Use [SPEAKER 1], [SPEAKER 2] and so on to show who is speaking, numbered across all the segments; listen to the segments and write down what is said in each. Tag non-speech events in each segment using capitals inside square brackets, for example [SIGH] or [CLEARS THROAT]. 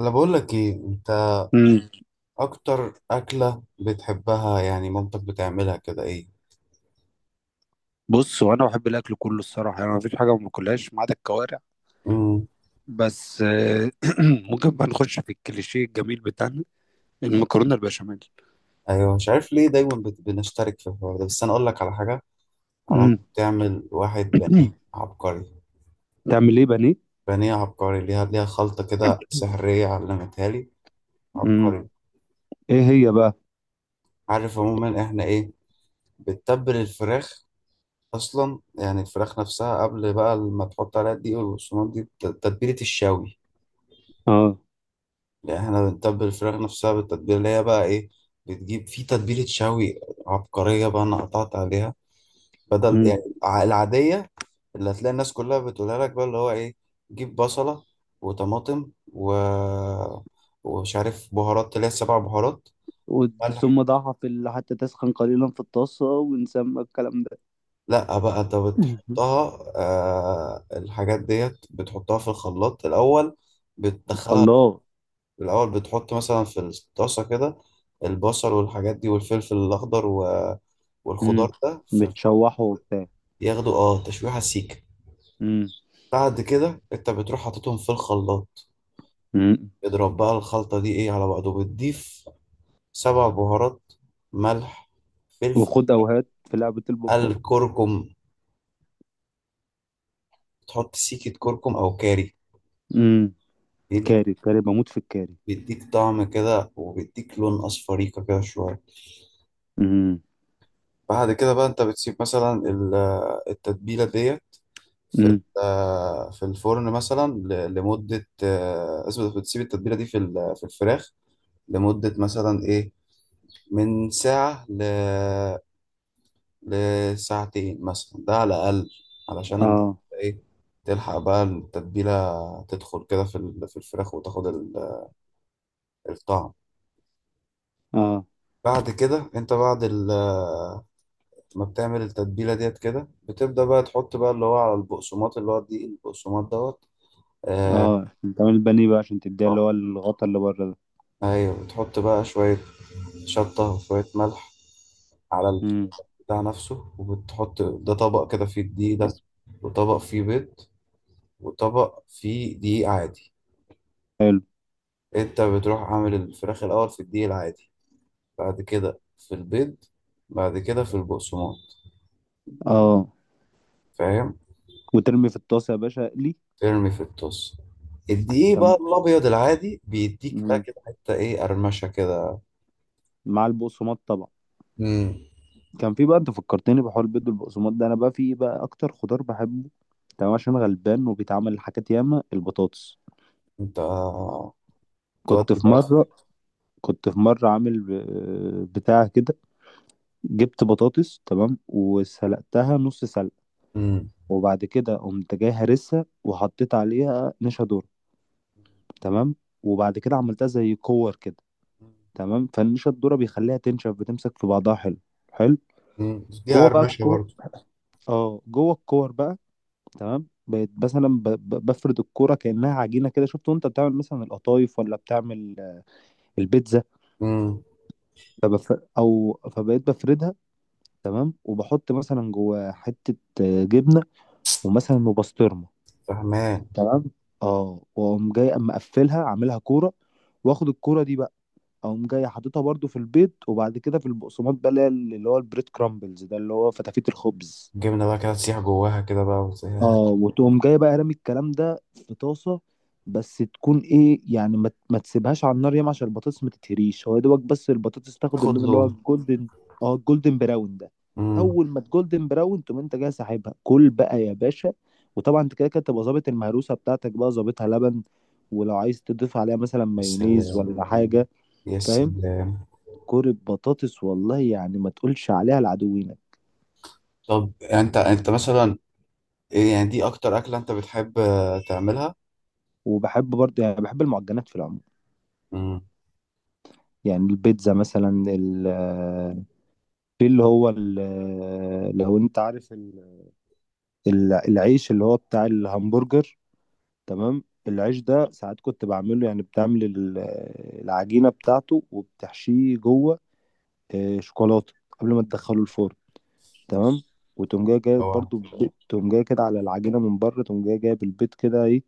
[SPEAKER 1] انا بقول لك ايه انت؟
[SPEAKER 2] امم
[SPEAKER 1] اكتر اكله بتحبها، يعني مامتك بتعملها كده، ايه؟
[SPEAKER 2] بص، هو انا بحب الاكل كله الصراحه، يعني مفيش حاجه ما باكلهاش ما عدا الكوارع.
[SPEAKER 1] امم
[SPEAKER 2] بس [CLEARS THROAT] ممكن بقى نخش في الكليشيه الجميل بتاعنا، المكرونه البشاميل.
[SPEAKER 1] ايوه، مش عارف ليه دايما بنشترك في الحوار ده، بس انا اقول لك على حاجه. علام
[SPEAKER 2] امم
[SPEAKER 1] بتعمل واحد بانيه
[SPEAKER 2] [CLEARS THROAT]
[SPEAKER 1] عبقري.
[SPEAKER 2] تعمل ايه؟ بانيه؟
[SPEAKER 1] بانيه عبقري، ليها خلطه كده سحريه علمتها لي.
[SPEAKER 2] امم
[SPEAKER 1] عبقري.
[SPEAKER 2] ايه هي بقى؟
[SPEAKER 1] عارف عموما احنا ايه؟ بتتبل الفراخ. اصلا يعني الفراخ نفسها قبل بقى ما تحط عليها الدقيق والبقسماط دي تتبيله الشاوي.
[SPEAKER 2] اه.
[SPEAKER 1] يعني احنا بنتبل الفراخ نفسها بالتتبيله اللي هي بقى ايه، بتجيب في تتبيله شوي عبقريه بقى، انا قطعت عليها. بدل
[SPEAKER 2] امم
[SPEAKER 1] يعني العاديه اللي هتلاقي الناس كلها بتقولها لك بقى، اللي هو ايه، جيب بصله وطماطم و... ومش عارف بهارات، اللي هي السبع بهارات، ملح.
[SPEAKER 2] ثم ضعها في حتى تسخن قليلا في الطاسة ونسمى الكلام ده.
[SPEAKER 1] لا بقى، انت
[SPEAKER 2] مم.
[SPEAKER 1] بتحطها الحاجات ديت بتحطها في الخلاط الاول. بتدخلها.
[SPEAKER 2] خلاص.
[SPEAKER 1] الأول بتحط مثلا في الطاسة كده البصل والحاجات دي والفلفل الأخضر و...
[SPEAKER 2] امم
[SPEAKER 1] والخضار ده في الفرن،
[SPEAKER 2] متشوحه وبتاع.
[SPEAKER 1] ياخدوا اه تشويحة سيكة.
[SPEAKER 2] امم
[SPEAKER 1] بعد كده انت بتروح حاططهم في الخلاط.
[SPEAKER 2] امم
[SPEAKER 1] اضرب بقى الخلطة دي ايه على بعضه، بتضيف سبع بهارات، ملح، فلفل،
[SPEAKER 2] وخد أوهات في لعبة البطباق.
[SPEAKER 1] الكركم. تحط سيكة كركم أو كاري.
[SPEAKER 2] امم
[SPEAKER 1] بيديك
[SPEAKER 2] كاري كاري بموت في الكاري.
[SPEAKER 1] بيديك طعم كده وبيديك لون أصفريقة كده شوية. بعد كده بقى انت بتسيب مثلا التتبيلة دي في
[SPEAKER 2] امم
[SPEAKER 1] في الفرن مثلا لمدة اسمه ده، بتسيب التتبيلة دي في في الفراخ لمدة مثلا إيه، من ساعة ل... لساعتين مثلا ده على الأقل، علشان
[SPEAKER 2] اه.
[SPEAKER 1] إيه، تلحق بقى التتبيلة تدخل كده في في الفراخ وتاخد الطعم.
[SPEAKER 2] اه.
[SPEAKER 1] بعد كده انت بعد ما بتعمل التتبيلة ديت كده بتبدأ بقى تحط بقى اللي هو على البقسماط، اللي هو دي البقسماط دوت. آه،
[SPEAKER 2] اه بتعمل البانيه بقى عشان تديها اللي هو الغطا اللي بره ده.
[SPEAKER 1] ايوه، بتحط بقى شوية شطة وشوية ملح على
[SPEAKER 2] امم
[SPEAKER 1] البتاع نفسه، وبتحط ده طبق كده فيه الدقيق ده، وطبق فيه بيض، وطبق فيه دقيق عادي.
[SPEAKER 2] حلو.
[SPEAKER 1] انت بتروح عامل الفراخ الأول في الدقيق العادي، بعد كده في البيض، بعد كده في البقسماط.
[SPEAKER 2] اه
[SPEAKER 1] فاهم؟
[SPEAKER 2] وترمي في الطاسه يا باشا اقلي.
[SPEAKER 1] ترمي في الطاسة الدقيق بقى
[SPEAKER 2] كان.
[SPEAKER 1] الأبيض العادي، بيديك بقى
[SPEAKER 2] مم.
[SPEAKER 1] كده حتة إيه، قرمشة كده.
[SPEAKER 2] مع البقسماط طبعا.
[SPEAKER 1] مم.
[SPEAKER 2] كان في بقى، انت فكرتني بحوار البيض والبقسماط ده. انا بقى في ايه بقى اكتر خضار بحبه؟ تمام. عشان غلبان وبيتعمل حاجات ياما، البطاطس.
[SPEAKER 1] انت
[SPEAKER 2] كنت
[SPEAKER 1] تودي
[SPEAKER 2] في
[SPEAKER 1] بقى.
[SPEAKER 2] مره، كنت في مره عامل بتاع كده. جبت بطاطس، تمام، وسلقتها نص سلق.
[SPEAKER 1] مم.
[SPEAKER 2] وبعد كده قمت جاي هرسها وحطيت عليها نشا ذرة،
[SPEAKER 1] مم.
[SPEAKER 2] تمام. وبعد كده عملتها زي كور كده، تمام. فالنشا الذره بيخليها تنشف، بتمسك في بعضها حلو. حلو
[SPEAKER 1] مم. دي
[SPEAKER 2] جوه بقى
[SPEAKER 1] قرمشة
[SPEAKER 2] الكور.
[SPEAKER 1] برضه.
[SPEAKER 2] اه جوه الكور بقى، تمام. بقيت مثلا بفرد الكوره كانها عجينه كده. شفت وانت بتعمل مثلا القطايف، ولا بتعمل البيتزا.
[SPEAKER 1] مم.
[SPEAKER 2] فبف... او فبقيت بفردها، تمام. وبحط مثلا جوه حته جبنه، ومثلا وبسطرمه،
[SPEAKER 1] فاهمان.
[SPEAKER 2] تمام. اه واقوم جاي اما اقفلها اعملها كوره. واخد الكوره دي بقى، اقوم جاي حاططها برضو في البيض وبعد كده في البقسماط بقى اللي هو البريد كرامبلز ده، اللي هو فتافيت الخبز.
[SPEAKER 1] الجبنة بقى كده تسيح جواها كده بقى
[SPEAKER 2] اه وتقوم جاي بقى رامي الكلام ده في طاسه. بس تكون ايه يعني، ما تسيبهاش على النار ياما عشان البطاطس ما تتهريش. هو يا دوبك بس البطاطس تاخد
[SPEAKER 1] تاخد
[SPEAKER 2] اللون اللي هو
[SPEAKER 1] لون.
[SPEAKER 2] الجولدن. اه، الجولدن براون ده.
[SPEAKER 1] امم.
[SPEAKER 2] اول ما الجولدن براون تقوم انت جاي ساحبها كل بقى يا باشا. وطبعا انت كده كده تبقى ظابط المهروسه بتاعتك، بقى ظابطها لبن، ولو عايز تضيف عليها مثلا
[SPEAKER 1] يا
[SPEAKER 2] مايونيز
[SPEAKER 1] سلام.
[SPEAKER 2] ولا حاجه.
[SPEAKER 1] يا
[SPEAKER 2] فاهم؟
[SPEAKER 1] سلام.
[SPEAKER 2] كوره بطاطس، والله يعني ما تقولش عليها لعدوينك.
[SPEAKER 1] طب انت، انت مثلا إيه يعني، دي اكتر اكلة انت بتحب تعملها؟
[SPEAKER 2] وبحب برضه، يعني بحب المعجنات في العموم.
[SPEAKER 1] امم.
[SPEAKER 2] يعني البيتزا مثلا، ال- آه، في اللي هو لو انت عارف العيش اللي هو بتاع الهمبرجر، تمام. العيش ده ساعات كنت بعمله، يعني بتعمل العجينة بتاعته وبتحشيه جوه شوكولاتة، قبل ما تدخله الفرن، تمام. وتقوم جاي جايب
[SPEAKER 1] اوعى.
[SPEAKER 2] برضه، تقوم جاي كده على العجينة من بره، تقوم جاي جايب البيض كده ايه،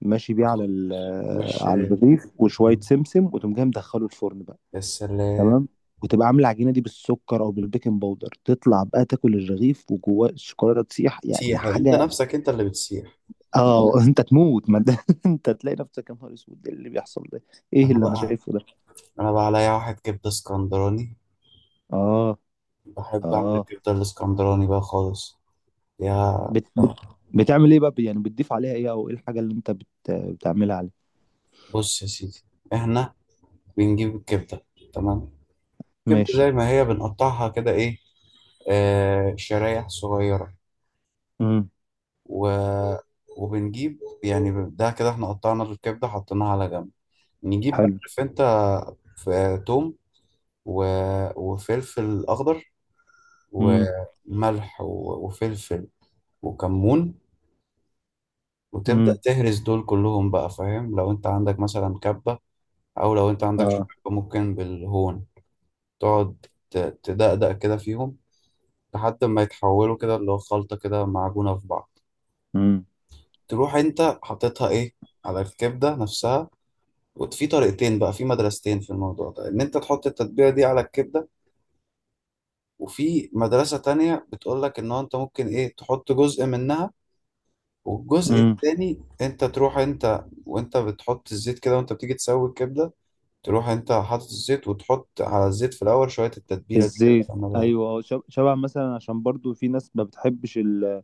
[SPEAKER 2] ماشي بيه على
[SPEAKER 1] تاخد وش.
[SPEAKER 2] على الرغيف وشويه
[SPEAKER 1] مم.
[SPEAKER 2] سمسم، وتقوم جاي مدخله الفرن بقى،
[SPEAKER 1] يا سلام.
[SPEAKER 2] تمام. وتبقى عامله العجينه دي بالسكر او بالبيكنج باودر. تطلع بقى تاكل الرغيف وجواه الشوكولاته تسيح، يعني
[SPEAKER 1] تسيح انت
[SPEAKER 2] حاجه.
[SPEAKER 1] نفسك، انت اللي بتسيح.
[SPEAKER 2] اه [LAUGHS] انت تموت ما ده. [LAUGHS] انت تلاقي نفسك، يا نهار اسود! ايه اللي بيحصل ده؟ ايه
[SPEAKER 1] انا
[SPEAKER 2] اللي انا
[SPEAKER 1] بقى،
[SPEAKER 2] شايفه ده؟
[SPEAKER 1] انا بقى عليا واحد كبدة اسكندراني،
[SPEAKER 2] اه.
[SPEAKER 1] بحب اعمل
[SPEAKER 2] اه.
[SPEAKER 1] الكبدة الاسكندراني بقى خالص. يا.
[SPEAKER 2] بت... بت... بتعمل ايه بقى يعني؟ بتضيف عليها ايه، او ايه الحاجه اللي انت بتعملها عليه؟
[SPEAKER 1] بص يا سيدي، احنا بنجيب الكبدة. تمام. الكبدة
[SPEAKER 2] ماشي.
[SPEAKER 1] زي ما هي بنقطعها كده ايه، شرايح صغيرة
[SPEAKER 2] امم
[SPEAKER 1] و... وبنجيب يعني، ده كده احنا قطعنا الكبدة حطيناها على جنب. نجيب بقى،
[SPEAKER 2] حلو.
[SPEAKER 1] عارف انت، ف- توم و... وفلفل أخضر
[SPEAKER 2] امم
[SPEAKER 1] وملح و... وفلفل وكمون، وتبدأ
[SPEAKER 2] امم
[SPEAKER 1] تهرس دول كلهم بقى. فاهم؟ لو انت عندك مثلا كبة، أو لو انت عندك
[SPEAKER 2] اه.
[SPEAKER 1] شوربة، ممكن بالهون تقعد ت- تدقدق كده فيهم لحد ما يتحولوا كده اللي هو خلطة كده معجونة في بعض. تروح انت حاططها ايه على الكبده نفسها. وفي طريقتين بقى، في مدرستين في الموضوع ده، ان انت تحط التتبيله دي على الكبده، وفي مدرسه تانية بتقول لك ان هو انت ممكن ايه تحط جزء منها، والجزء
[SPEAKER 2] امم
[SPEAKER 1] التاني انت تروح، انت وانت بتحط الزيت كده وانت بتيجي تسوي الكبده، تروح انت حاطط الزيت وتحط على الزيت في الاول شويه التتبيله دي كده
[SPEAKER 2] الزيت؟
[SPEAKER 1] تعملها دي.
[SPEAKER 2] ايوه شبع مثلا، عشان برضو في ناس ما بتحبش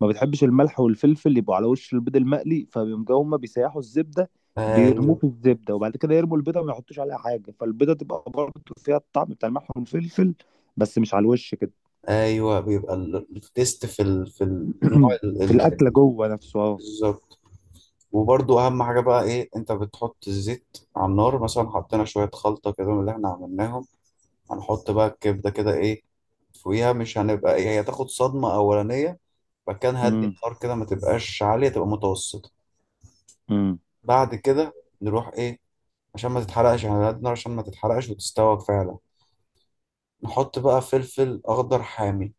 [SPEAKER 2] ما بتحبش الملح والفلفل يبقوا على وش البيض المقلي، فبيقوموا هما بيسيحوا الزبده، بيرموه
[SPEAKER 1] ايوه.
[SPEAKER 2] في الزبده وبعد كده يرموا البيضه وما يحطوش عليها حاجه، فالبيضه تبقى برضو فيها الطعم بتاع الملح والفلفل، بس مش على الوش كده.
[SPEAKER 1] ايوه، بيبقى التيست في ال... في النوع
[SPEAKER 2] [CLEARS THROAT]
[SPEAKER 1] ال...
[SPEAKER 2] في
[SPEAKER 1] ال...
[SPEAKER 2] الاكله
[SPEAKER 1] ال-.
[SPEAKER 2] جوه نفسه، اه.
[SPEAKER 1] بالظبط. وبرضو اهم حاجه بقى ايه، انت بتحط الزيت على النار مثلا، حطينا شويه خلطه كده من اللي احنا عملناهم، هنحط بقى الكبده كده ايه فوقيها، مش هنبقى ايه، هي تاخد صدمه اولانيه. بعد كده نهدي
[SPEAKER 2] امم
[SPEAKER 1] النار كده ما تبقاش عاليه، تبقى متوسطه.
[SPEAKER 2] امم
[SPEAKER 1] بعد كده نروح ايه، عشان ما تتحرقش، احنا هنهدي النار عشان ما تتحرقش وتستوى فعلا. نحط بقى فلفل اخضر حامي.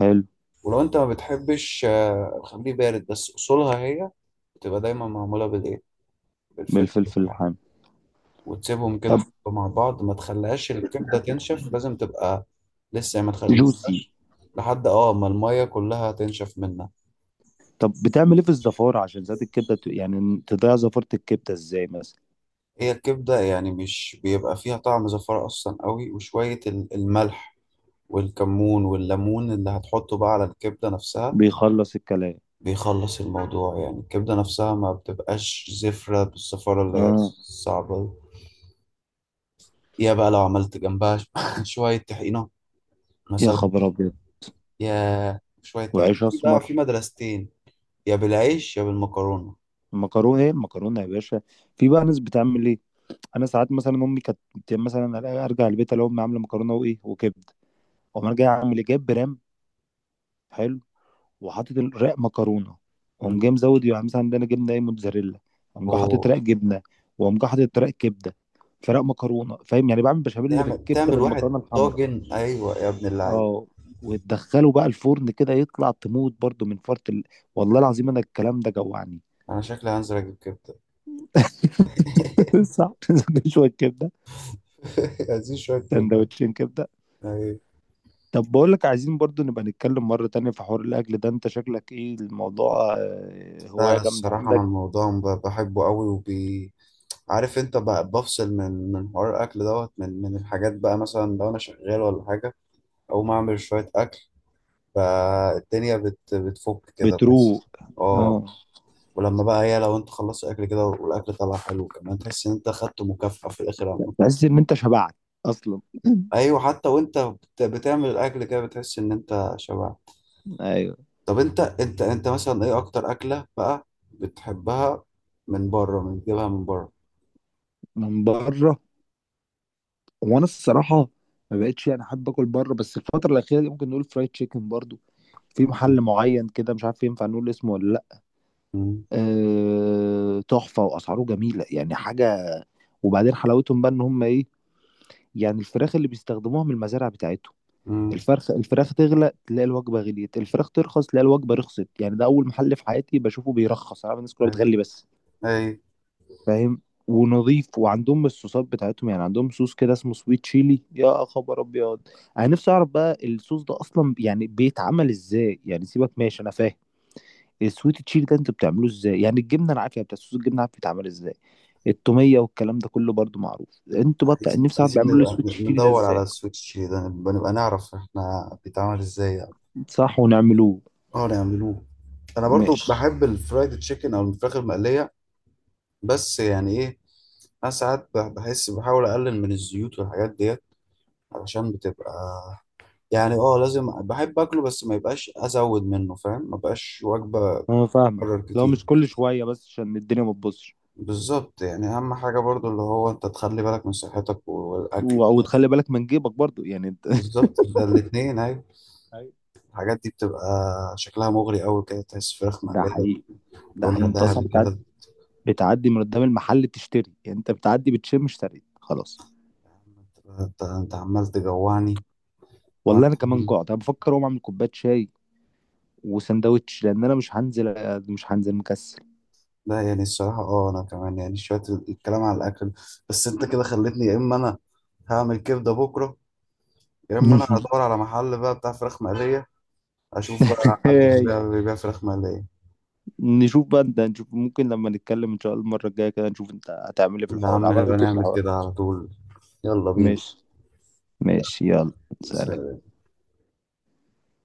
[SPEAKER 2] حلو.
[SPEAKER 1] ولو انت ما بتحبش خليه بارد، بس اصولها هي بتبقى دايما معموله بالايه، بالفلفل
[SPEAKER 2] بالفلفل
[SPEAKER 1] الحامي.
[SPEAKER 2] الحامي.
[SPEAKER 1] وتسيبهم كده
[SPEAKER 2] طب
[SPEAKER 1] حبة مع بعض، ما تخليهاش الكبدة تنشف، لازم تبقى لسه يعني، ما تخل... ما
[SPEAKER 2] جوسي.
[SPEAKER 1] تسيبهاش لحد اه ما المية كلها تنشف منها.
[SPEAKER 2] طب بتعمل ايه في الزفاره؟ عشان زيت الكبده يعني تضيع زفاره الكبده ازاي مثلا؟
[SPEAKER 1] هي الكبدة يعني مش بيبقى فيها طعم زفارة أصلا قوي، وشوية الملح والكمون والليمون اللي هتحطه بقى على الكبدة نفسها
[SPEAKER 2] بيخلص الكلام.
[SPEAKER 1] بيخلص الموضوع. يعني الكبدة نفسها ما بتبقاش زفرة بالزفارة اللي هي
[SPEAKER 2] اه.
[SPEAKER 1] صعبة دي. يا بقى لو عملت جنبها [LAUGHS] شوية طحينة
[SPEAKER 2] يا
[SPEAKER 1] مثلا.
[SPEAKER 2] خبر ابيض!
[SPEAKER 1] يا شوية طحينة،
[SPEAKER 2] وعيش
[SPEAKER 1] في بقى في
[SPEAKER 2] اسمر.
[SPEAKER 1] مدرستين، يا بالعيش يا بالمكرونة.
[SPEAKER 2] مكرونه ايه؟ مكرونه يا باشا. في بقى ناس بتعمل ايه؟ انا ساعات مثلا امي كانت مثلا ارجع البيت الاقي امي عامله مكرونه وايه وكبده، اقوم انا جاي اعمل ايه؟ جايب برام. حلو. وحاطط الرق مكرونه، واقوم
[SPEAKER 1] مم.
[SPEAKER 2] جاي مزود يعني مثلا عندنا جبنه ايه، موتزاريلا، اقوم جاي حاطط
[SPEAKER 1] وتعمل.
[SPEAKER 2] رق جبنه، واقوم جاي حاطط رق كبده، فرق مكرونه. فاهم؟ يعني بعمل بشاميل اللي بالكبده
[SPEAKER 1] تعمل واحد
[SPEAKER 2] بالمكرونه الحمراء.
[SPEAKER 1] طاجن، أيوة يا ابن اللعيب.
[SPEAKER 2] اه وتدخله بقى الفرن كده يطلع تموت برضو من فرط والله العظيم انا الكلام ده جوعني.
[SPEAKER 1] أنا شكلي هنزل أجيب كبدة.
[SPEAKER 2] [LAUGHS] صح. نشوي الكبده.
[SPEAKER 1] [LAUGHS] عايزين شوية كبدة.
[SPEAKER 2] سندوتشين كبده.
[SPEAKER 1] أيوة.
[SPEAKER 2] طب بقول لك، عايزين برضو نبقى نتكلم مرة تانية في حوار الأكل ده. أنت شكلك إيه، الموضوع
[SPEAKER 1] لا
[SPEAKER 2] هواية
[SPEAKER 1] لا،
[SPEAKER 2] جامدة
[SPEAKER 1] الصراحة أنا
[SPEAKER 2] عندك.
[SPEAKER 1] الموضوع بحبه قوي عارف أنت بفصل من حوار الأكل دوت، من الحاجات بقى، مثلا لو أنا شغال ولا حاجة أقوم أعمل شوية أكل، فالدنيا بتفك كده بس.
[SPEAKER 2] بتروق.
[SPEAKER 1] أه.
[SPEAKER 2] أه.
[SPEAKER 1] ولما بقى هي لو أنت خلصت أكل كده والأكل طلع حلو كمان، تحس إن أنت خدت مكافأة في الآخر عامة.
[SPEAKER 2] تحس إن أنت شبعت أصلا. [CLEARS THROAT]
[SPEAKER 1] ايوه، حتى وانت بتعمل الاكل كده بتحس ان انت شبع.
[SPEAKER 2] [LAUGHS] أيوه.
[SPEAKER 1] طب انت، انت مثلا ايه اكتر اكله بقى بتحبها من بره؟ من بتجيبها من بره؟
[SPEAKER 2] من بره. وأنا الصراحة ما بقتش يعني أحب آكل بره، بس الفترة الأخيرة دي ممكن نقول فرايد تشيكن برضو، في محل معين كده مش عارف ينفع نقول اسمه ولا لأ.
[SPEAKER 1] امم.
[SPEAKER 2] أه تحفة وأسعاره جميلة، يعني حاجة. وبعدين حلاوتهم بقى إن هم إيه، يعني الفراخ اللي بيستخدموها من المزارع بتاعتهم.
[SPEAKER 1] امم.
[SPEAKER 2] الفرخ، الفراخ تغلى تلاقي الوجبة غليت، الفراخ ترخص تلاقي الوجبة رخصت. يعني ده أول محل في حياتي بشوفه بيرخص، أنا عارف الناس كلها
[SPEAKER 1] اي،
[SPEAKER 2] بتغلي بس.
[SPEAKER 1] اي.
[SPEAKER 2] فاهم؟ ونظيف. وعندهم الصوصات بتاعتهم، يعني عندهم صوص كده اسمه سويت تشيلي. يا خبر أبيض! أنا نفسي أعرف بقى الصوص ده أصلا يعني بيتعمل إزاي، يعني سيبك، ماشي أنا فاهم. السويت تشيلي ده أنت بتعمله إزاي؟ يعني الجبنة أنا عارف، يعني بتاع صوص الجبنة عارف بيتعمل إزاي. التومية والكلام ده كله برضو معروف. أنتوا بقى
[SPEAKER 1] عايزين،
[SPEAKER 2] نفسي أعرف
[SPEAKER 1] عايزين
[SPEAKER 2] بيعملوا
[SPEAKER 1] نبقى
[SPEAKER 2] السويت تشيلي ده
[SPEAKER 1] ندور على
[SPEAKER 2] إزاي.
[SPEAKER 1] السويتش ده، نبقى نعرف احنا بيتعمل ازاي يعني.
[SPEAKER 2] صح ونعملوه.
[SPEAKER 1] اه نعملوه. انا برضو
[SPEAKER 2] ماشي.
[SPEAKER 1] بحب الفرايد تشيكن او الفراخ المقليه. بس يعني ايه، انا ساعات بحس بحاول اقلل من الزيوت والحاجات ديت علشان بتبقى، يعني اه لازم، بحب اكله بس ما يبقاش ازود منه. فاهم؟ ما بقاش وجبه
[SPEAKER 2] انا فاهمك.
[SPEAKER 1] اتكرر
[SPEAKER 2] لو مش
[SPEAKER 1] كتير.
[SPEAKER 2] كل شويه، بس عشان الدنيا ما تبصش.
[SPEAKER 1] بالظبط، يعني اهم حاجه برضو اللي هو انت تخلي بالك من صحتك والاكل.
[SPEAKER 2] وتخلي بالك من جيبك برضو، يعني انت.
[SPEAKER 1] بالظبط، ده الاتنين، ايوه.
[SPEAKER 2] [LAUGHS] أيوة.
[SPEAKER 1] الحاجات دي بتبقى شكلها مغري قوي كده، تحس فراخ
[SPEAKER 2] ده
[SPEAKER 1] مقليه
[SPEAKER 2] حقيقي. ده حقيقي،
[SPEAKER 1] لونها
[SPEAKER 2] انت اصلا
[SPEAKER 1] ذهبي
[SPEAKER 2] بتعدي،
[SPEAKER 1] كده.
[SPEAKER 2] بتعدي من قدام المحل تشتري، يعني انت بتعدي بتشم اشتريت خلاص.
[SPEAKER 1] يا عم انت، انت، أنت عمال تجوعني.
[SPEAKER 2] والله انا كمان
[SPEAKER 1] كمان.
[SPEAKER 2] جوعت، انا بفكر اقوم اعمل كوبايه شاي وسندوتش لان انا مش هنزل، مش هنزل مكسل.
[SPEAKER 1] لا يعني الصراحه، اه، انا كمان يعني شويه الكلام على الاكل، بس انت كده خلتني يا اما انا هعمل كبده بكره، يا اما انا هدور
[SPEAKER 2] [LAUGHS]
[SPEAKER 1] على محل بقى بتاع فراخ مقليه، اشوف بقى حد
[SPEAKER 2] هاي.
[SPEAKER 1] بيبيع فراخ مقلية.
[SPEAKER 2] نشوف بقى انت، نشوف ممكن لما نتكلم ان شاء الله المره الجايه كده نشوف انت هتعمل ايه في
[SPEAKER 1] يا
[SPEAKER 2] الحوار،
[SPEAKER 1] عم نبقى
[SPEAKER 2] عملت ايه في
[SPEAKER 1] نعمل
[SPEAKER 2] الحوار
[SPEAKER 1] كده
[SPEAKER 2] ده.
[SPEAKER 1] على طول. يلا بينا.
[SPEAKER 2] ماشي.
[SPEAKER 1] يلا.
[SPEAKER 2] ماشي يلا. سلام.
[SPEAKER 1] سلام.